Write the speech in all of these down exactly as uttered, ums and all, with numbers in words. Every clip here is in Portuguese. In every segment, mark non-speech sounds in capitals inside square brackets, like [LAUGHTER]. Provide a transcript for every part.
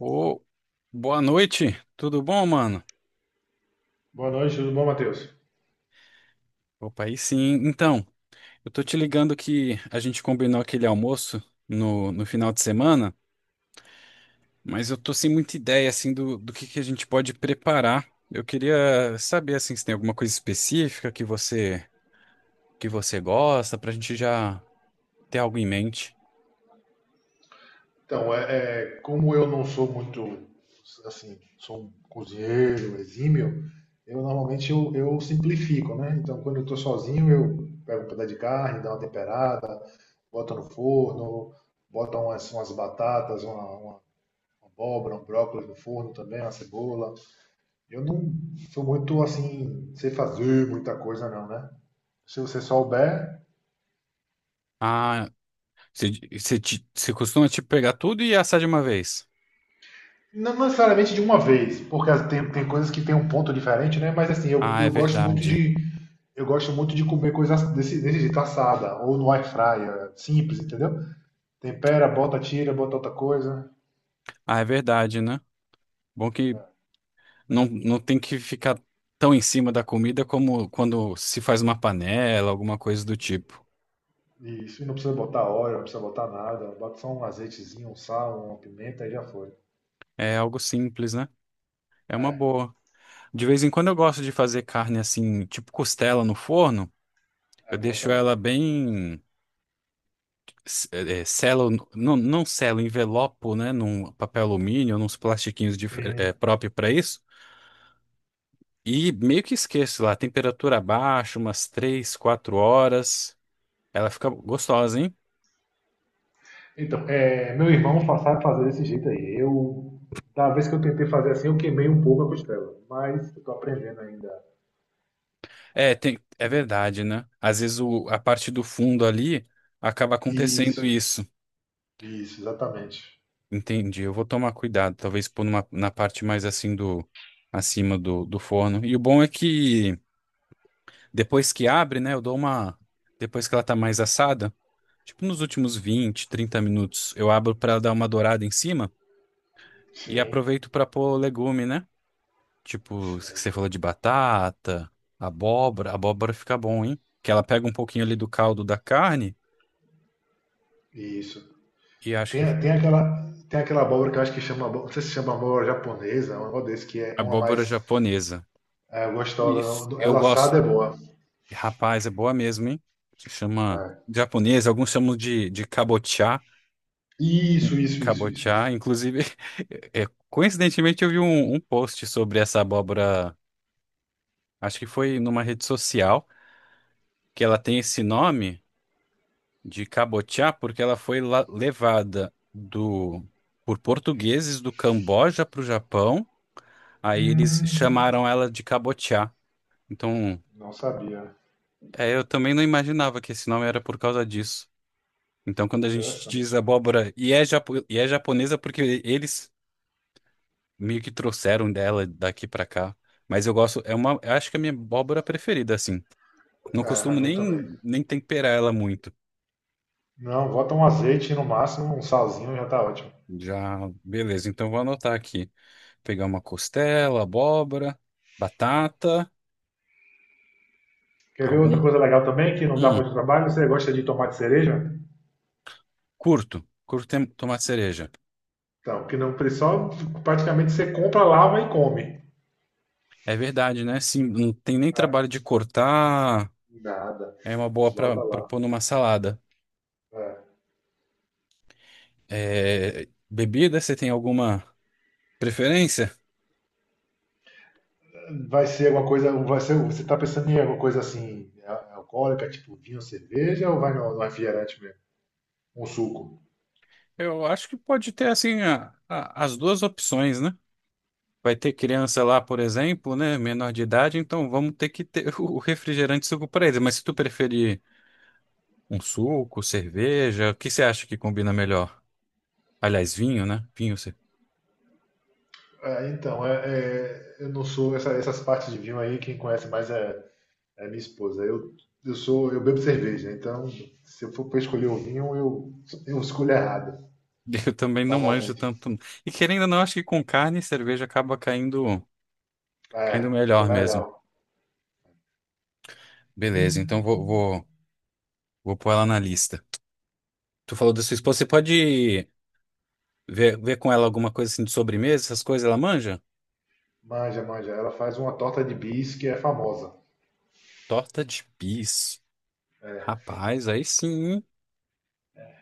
Ô, boa noite, tudo bom, mano? Boa noite, tudo bom, Matheus? Opa, aí sim. Então, eu tô te ligando que a gente combinou aquele almoço no, no final de semana, mas eu tô sem muita ideia, assim, do, do que que a gente pode preparar. Eu queria saber, assim, se tem alguma coisa específica que você, que você gosta, pra gente já ter algo em mente. Então, é, é, como eu não sou muito, assim, sou um cozinheiro um exímio, eu normalmente eu, eu simplifico, né? Então, quando eu estou sozinho, eu pego um pedaço de carne, dou uma temperada, boto no forno, boto umas, umas batatas, uma, uma abóbora, um brócolis no forno também, uma cebola. Eu não sou muito, assim, sei fazer muita coisa não, né? Se você souber, Ah, você você te- você costuma, tipo, pegar tudo e assar de uma vez? não necessariamente de uma vez, porque as- tem, tem coisas que tem um ponto diferente, né? Mas assim, eu, Ah, é eu gosto muito verdade. de eu gosto muito de comer coisas desse, desse jeito, assada, ou no air fryer, simples, entendeu? Tempera, bota, tira, bota outra coisa. Ah, é verdade, né? Bom que É. não, não tem que ficar tão em cima da comida como quando se faz uma panela, alguma coisa do tipo. Isso, e não precisa botar óleo, não precisa botar nada. Bota só um azeitezinho, um sal, uma pimenta e já foi. É algo simples, né? É uma É, boa. De vez em quando eu gosto de fazer carne assim, tipo costela no forno. é Eu bom deixo também. ela bem. s- eh, eh, selo, não, não selo, envelopo, né? Num papel alumínio, nos plastiquinhos dif- eh, Sim. próprio para isso. E meio que esqueço lá, temperatura baixa, umas três quatro horas. Ela fica gostosa, hein? Então, é, meu irmão fa- sabe fazer desse jeito aí. Eu, da vez que eu tentei fazer assim, eu queimei um pouco a costela, mas eu tô aprendendo ainda. É, tem, é verdade, né? Às vezes o, a parte do fundo ali acaba acontecendo Isso, isso. isso, exatamente. Entendi. Eu vou tomar cuidado, talvez pôr numa, na parte mais assim do acima do, do forno. E o bom é que depois que abre, né, eu dou uma depois que ela tá mais assada, tipo nos últimos vinte, trinta minutos, eu abro para dar uma dourada em cima e Sim, aproveito para pôr legume, né? Tipo, sim, que aí você falou de fica- batata, abóbora, abóbora fica bom, hein? Que ela pega um pouquinho ali do caldo da carne isso. e acho que. Tem, tem aquela, tem aquela abóbora que eu acho que chama, abó- não sei se chama abóbora japonesa, é um negócio desse que é uma Abóbora mais japonesa. é, gostosa, Isso. não- não- Eu ela gosto. assada é boa. Rapaz, é boa mesmo, hein? Se chama É. japonesa, alguns chamam de, de cabotiá. In- Isso, isso, isso, isso, Cabotiá, isso. inclusive, [LAUGHS] é, coincidentemente eu vi um, um post sobre essa abóbora, acho que foi numa rede social, que ela tem esse nome de cabotiá porque ela foi la- levada do por portugueses do Camboja para o Japão, aí eles Hum, chamaram ela de cabotiá. Então, não sabia. é, eu também não imaginava que esse nome era por causa disso. Então, quando a gente diz Interessante. abóbora e é, japo- e é japonesa porque eles meio que trouxeram dela daqui pra cá. Mas eu gosto, é uma, eu acho que é a minha abóbora preferida, assim. Não É, a costumo minha também. nem, nem temperar ela muito. Não, bota um azeite no máximo, um salzinho já tá ótimo. Já, beleza, então vou anotar aqui. Pegar uma costela, abóbora, batata, Quer ver outra algum. coisa legal também, que não dá Hum, muito trabalho? Você gosta de tomate cereja? curto. Curto tem- tomate cereja. Então, que não só praticamente você compra, lava e come. É verdade, né? Sim, não tem nem trabalho de cortar. Nada. É uma boa para Bota lá. pôr numa salada. É. É, bebida, você tem alguma preferência? Vai ser alguma coisa. Vai ser, você tá pensando em alguma coisa assim, al- alcoólica, tipo vinho, cerveja, ou vai no, no refrigerante mesmo? Um suco? Eu acho que pode ter assim a- a- as duas opções, né? Vai ter criança lá, por exemplo, né? Menor de idade, então vamos ter que ter [LAUGHS] o refrigerante e suco para eles. Mas se tu preferir um suco, cerveja, o que você acha que combina melhor? Aliás, vinho, né? Vinho, você... É, então, é, é, eu não sou. Essa- essas partes de vinho aí, quem conhece mais é, é minha esposa. Eu, eu sou. Eu bebo cerveja, então se eu for pra escolher o vinho, eu, eu escolho errado, [LAUGHS] eu também não manjo normalmente. tanto. E querendo ou não, acho que com carne e cerveja acaba caindo, caindo É, fica melhor mais mesmo. legal. Ih, Beleza, então vou, vou, vou pôr ela na lista. Tu falou da sua esposa, você pode ver, ver com ela alguma coisa assim de sobremesa, essas coisas, ela manja? manja, manja. Ela faz uma torta de bis que é famosa. Torta de bis. Rapaz, aí sim, hein?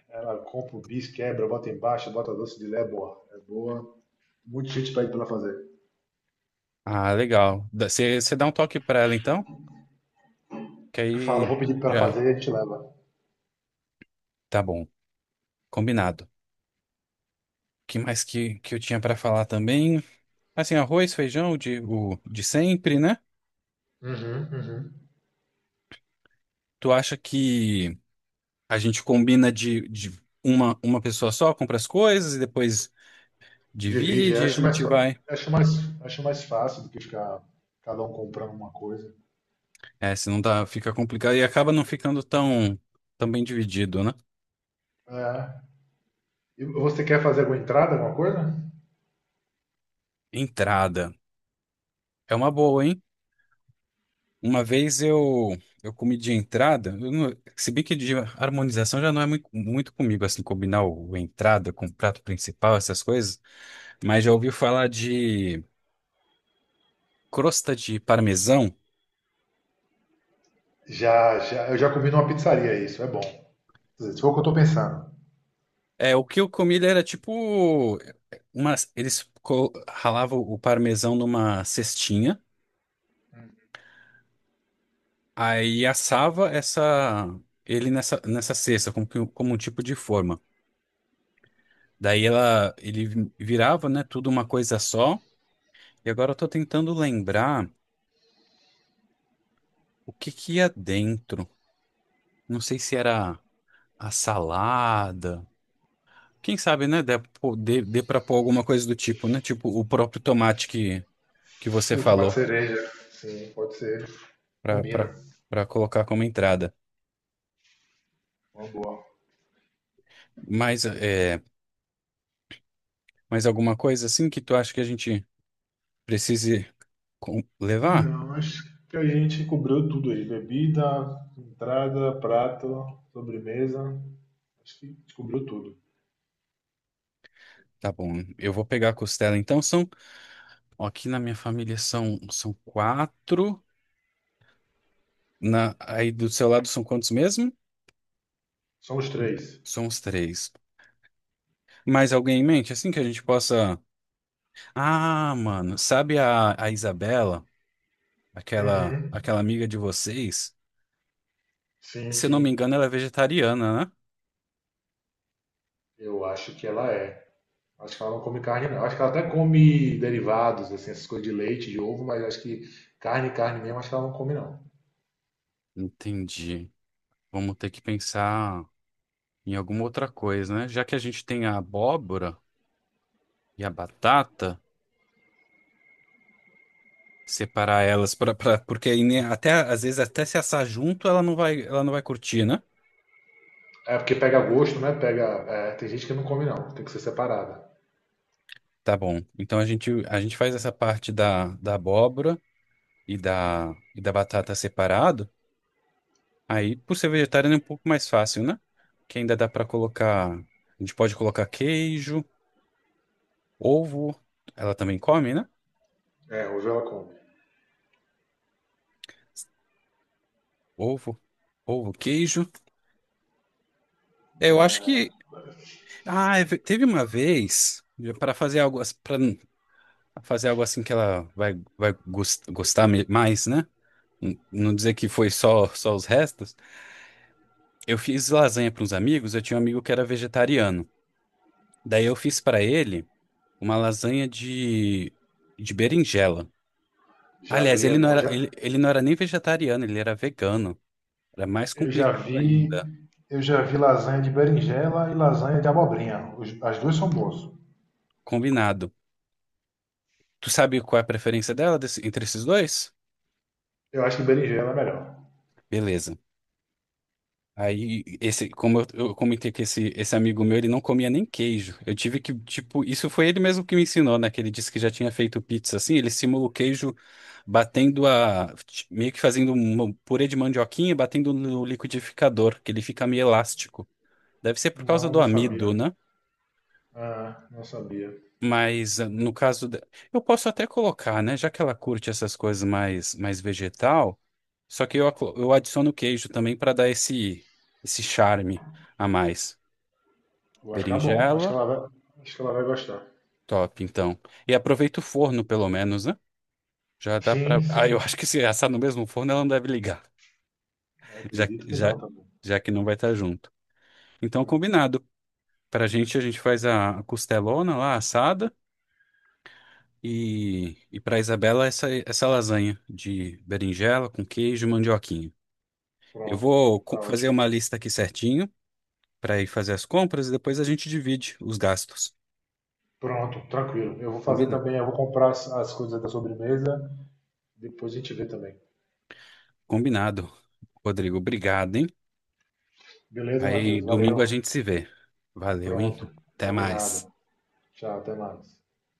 Cara, compra o bis, quebra, bota embaixo, bota doce de lé, é boa. É boa. Muita gente pede pra ela fazer. Ah, legal. Dá- Você você dá um toque pra ela então? Que Fala, aí vou pedir pra ela já fazer e a gente leva. tá bom. Combinado. O que mais que, que eu tinha pra falar também? Assim, arroz, feijão, de, o de sempre, né? Uhum, uhum. Tu acha que a gente combina de, de uma, uma pessoa só, compra as coisas e depois Divide, eu divide, a acho mais, gente fa- vai. acho mais, acho mais fácil do que ficar cada um comprando uma coisa. É, se não dá, fica complicado e acaba não ficando tão, tão bem dividido, né? É. E você quer fazer alguma entrada, alguma coisa? Entrada. É uma boa, hein? Uma vez eu, eu comi de entrada, eu não- se bem que de harmonização já não é muito, muito comigo, assim, combinar o, o entrada com o prato principal, essas coisas, mas já ouvi falar de crosta de parmesão. Já, já, eu já comi numa pizzaria isso, é bom. Quer dizer, se for o que eu tô pensando. É, o que eu comi ele era tipo, uma, eles co- ralavam o parmesão numa cestinha. Aí assava essa ele nessa nessa cesta como, que- como um tipo de forma. Daí ela ele vi- virava, né, tudo uma coisa só. E agora eu tô tentando lembrar o que que ia dentro. Não sei se era a salada. Quem sabe, né, dê, pô- dê, dê para pôr alguma coisa do tipo, né? Tipo o próprio tomate que que você O tomate falou cereja, sim, pode ser. para para Combina. para colocar como entrada. Uma boa. Mas é, mais alguma coisa assim que tu acha que a gente precise com- levar? Não, acho que a gente cobrou tudo aí. Bebida, entrada, prato, sobremesa. Acho que cobriu tudo. Tá bom, eu vou pegar a costela. Então são, ó, aqui na minha família são, são quatro. Na, aí do seu lado são quantos mesmo? São os três. São os três. Mais alguém em mente? Assim que a gente possa. Ah, mano, sabe a, a Isabela, aquela, Uhum. aquela amiga de vocês? Sim, Se eu não me sim. engano, ela é vegetariana, né? Eu acho que ela é. Acho que ela não come carne, não. Acho que ela até come derivados, assim, essas coisas de leite, de ovo, mas acho que carne, carne mesmo, acho que ela não come, não. Entendi. Vamos ter que pensar em alguma outra coisa, né? Já que a gente tem a abóbora e a batata. Separar elas pra, pra, porque aí, né, até às vezes até se assar junto ela não vai ela não vai curtir, né? É porque pega gosto, né? Pega. É, tem gente que não come, não. Tem que ser separada. Tá bom. Então a gente a gente faz essa parte da, da abóbora e da e da batata separado. Aí por ser vegetariano é um pouco mais fácil, né? Que ainda dá pra colocar, a gente pode colocar queijo, ovo, ela também come, né? É, hoje ela come. Ovo, ovo, queijo. É, eu acho que ah, é ve- teve uma vez para fazer algo fazer algo assim que ela vai, vai gos- gostar me- mais, né? N- Não dizer que foi só, só os restos. Eu fiz lasanha para uns amigos, eu tinha um amigo que era vegetariano. Daí eu fiz para ele uma lasanha de, de berinjela. Já Aliás, vi, é ele não bom. era, Já, ele, ele não era nem vegetariano, ele era vegano. Era mais eu já complicado vi, ainda. eu já vi lasanha de berinjela e lasanha de abobrinha. Os- As duas são boas. Combinado. Tu sabe qual é a preferência dela desse- entre esses dois? Eu acho que berinjela é melhor. Beleza. Aí, esse, como eu, eu comentei que esse, esse amigo meu, ele não comia nem queijo. Eu tive que, tipo, isso foi ele mesmo que me ensinou, né? Que ele disse que já tinha feito pizza assim. Ele simula o queijo batendo a. Meio que fazendo um purê de mandioquinha e batendo no liquidificador, que ele fica meio elástico. Deve ser por causa Não, eu do não amido, sabia. né? Ah, não sabia. Mas ah, no caso. de- Eu posso até colocar, né? Já que ela curte essas coisas mais, mais vegetal. Só que eu, aclo- eu adiciono queijo também para dar esse, esse charme a mais. Eu acho que é bom. Acho que Berinjela, ela vai, acho que ela vai gostar. top, então. E aproveita o forno, pelo menos, né? Já dá pra. Sim, [LAUGHS] Ah, eu acho sim. que se assar no mesmo forno, ela não deve ligar, Eu já, acredito que já, não também. já que não vai estar junto. Então, Ah, combinado. Pra gente, a gente faz a a costelona lá, assada. E, e pra Isabela, essa, essa lasanha de berinjela com queijo e mandioquinha. Eu pronto, vou co- tá fazer ótimo. uma lista aqui certinho pra ir fazer as compras e depois a gente divide os gastos. Pronto, tranquilo. Eu vou fazer Combinado. também, eu vou comprar as, as coisas da sobremesa, depois a gente vê também. Combinado. Rodrigo, obrigado, hein? Beleza, Aí Matheus? domingo a Valeu. gente se vê. Valeu, hein? Pronto, Até mais. combinado. Tchau, até mais.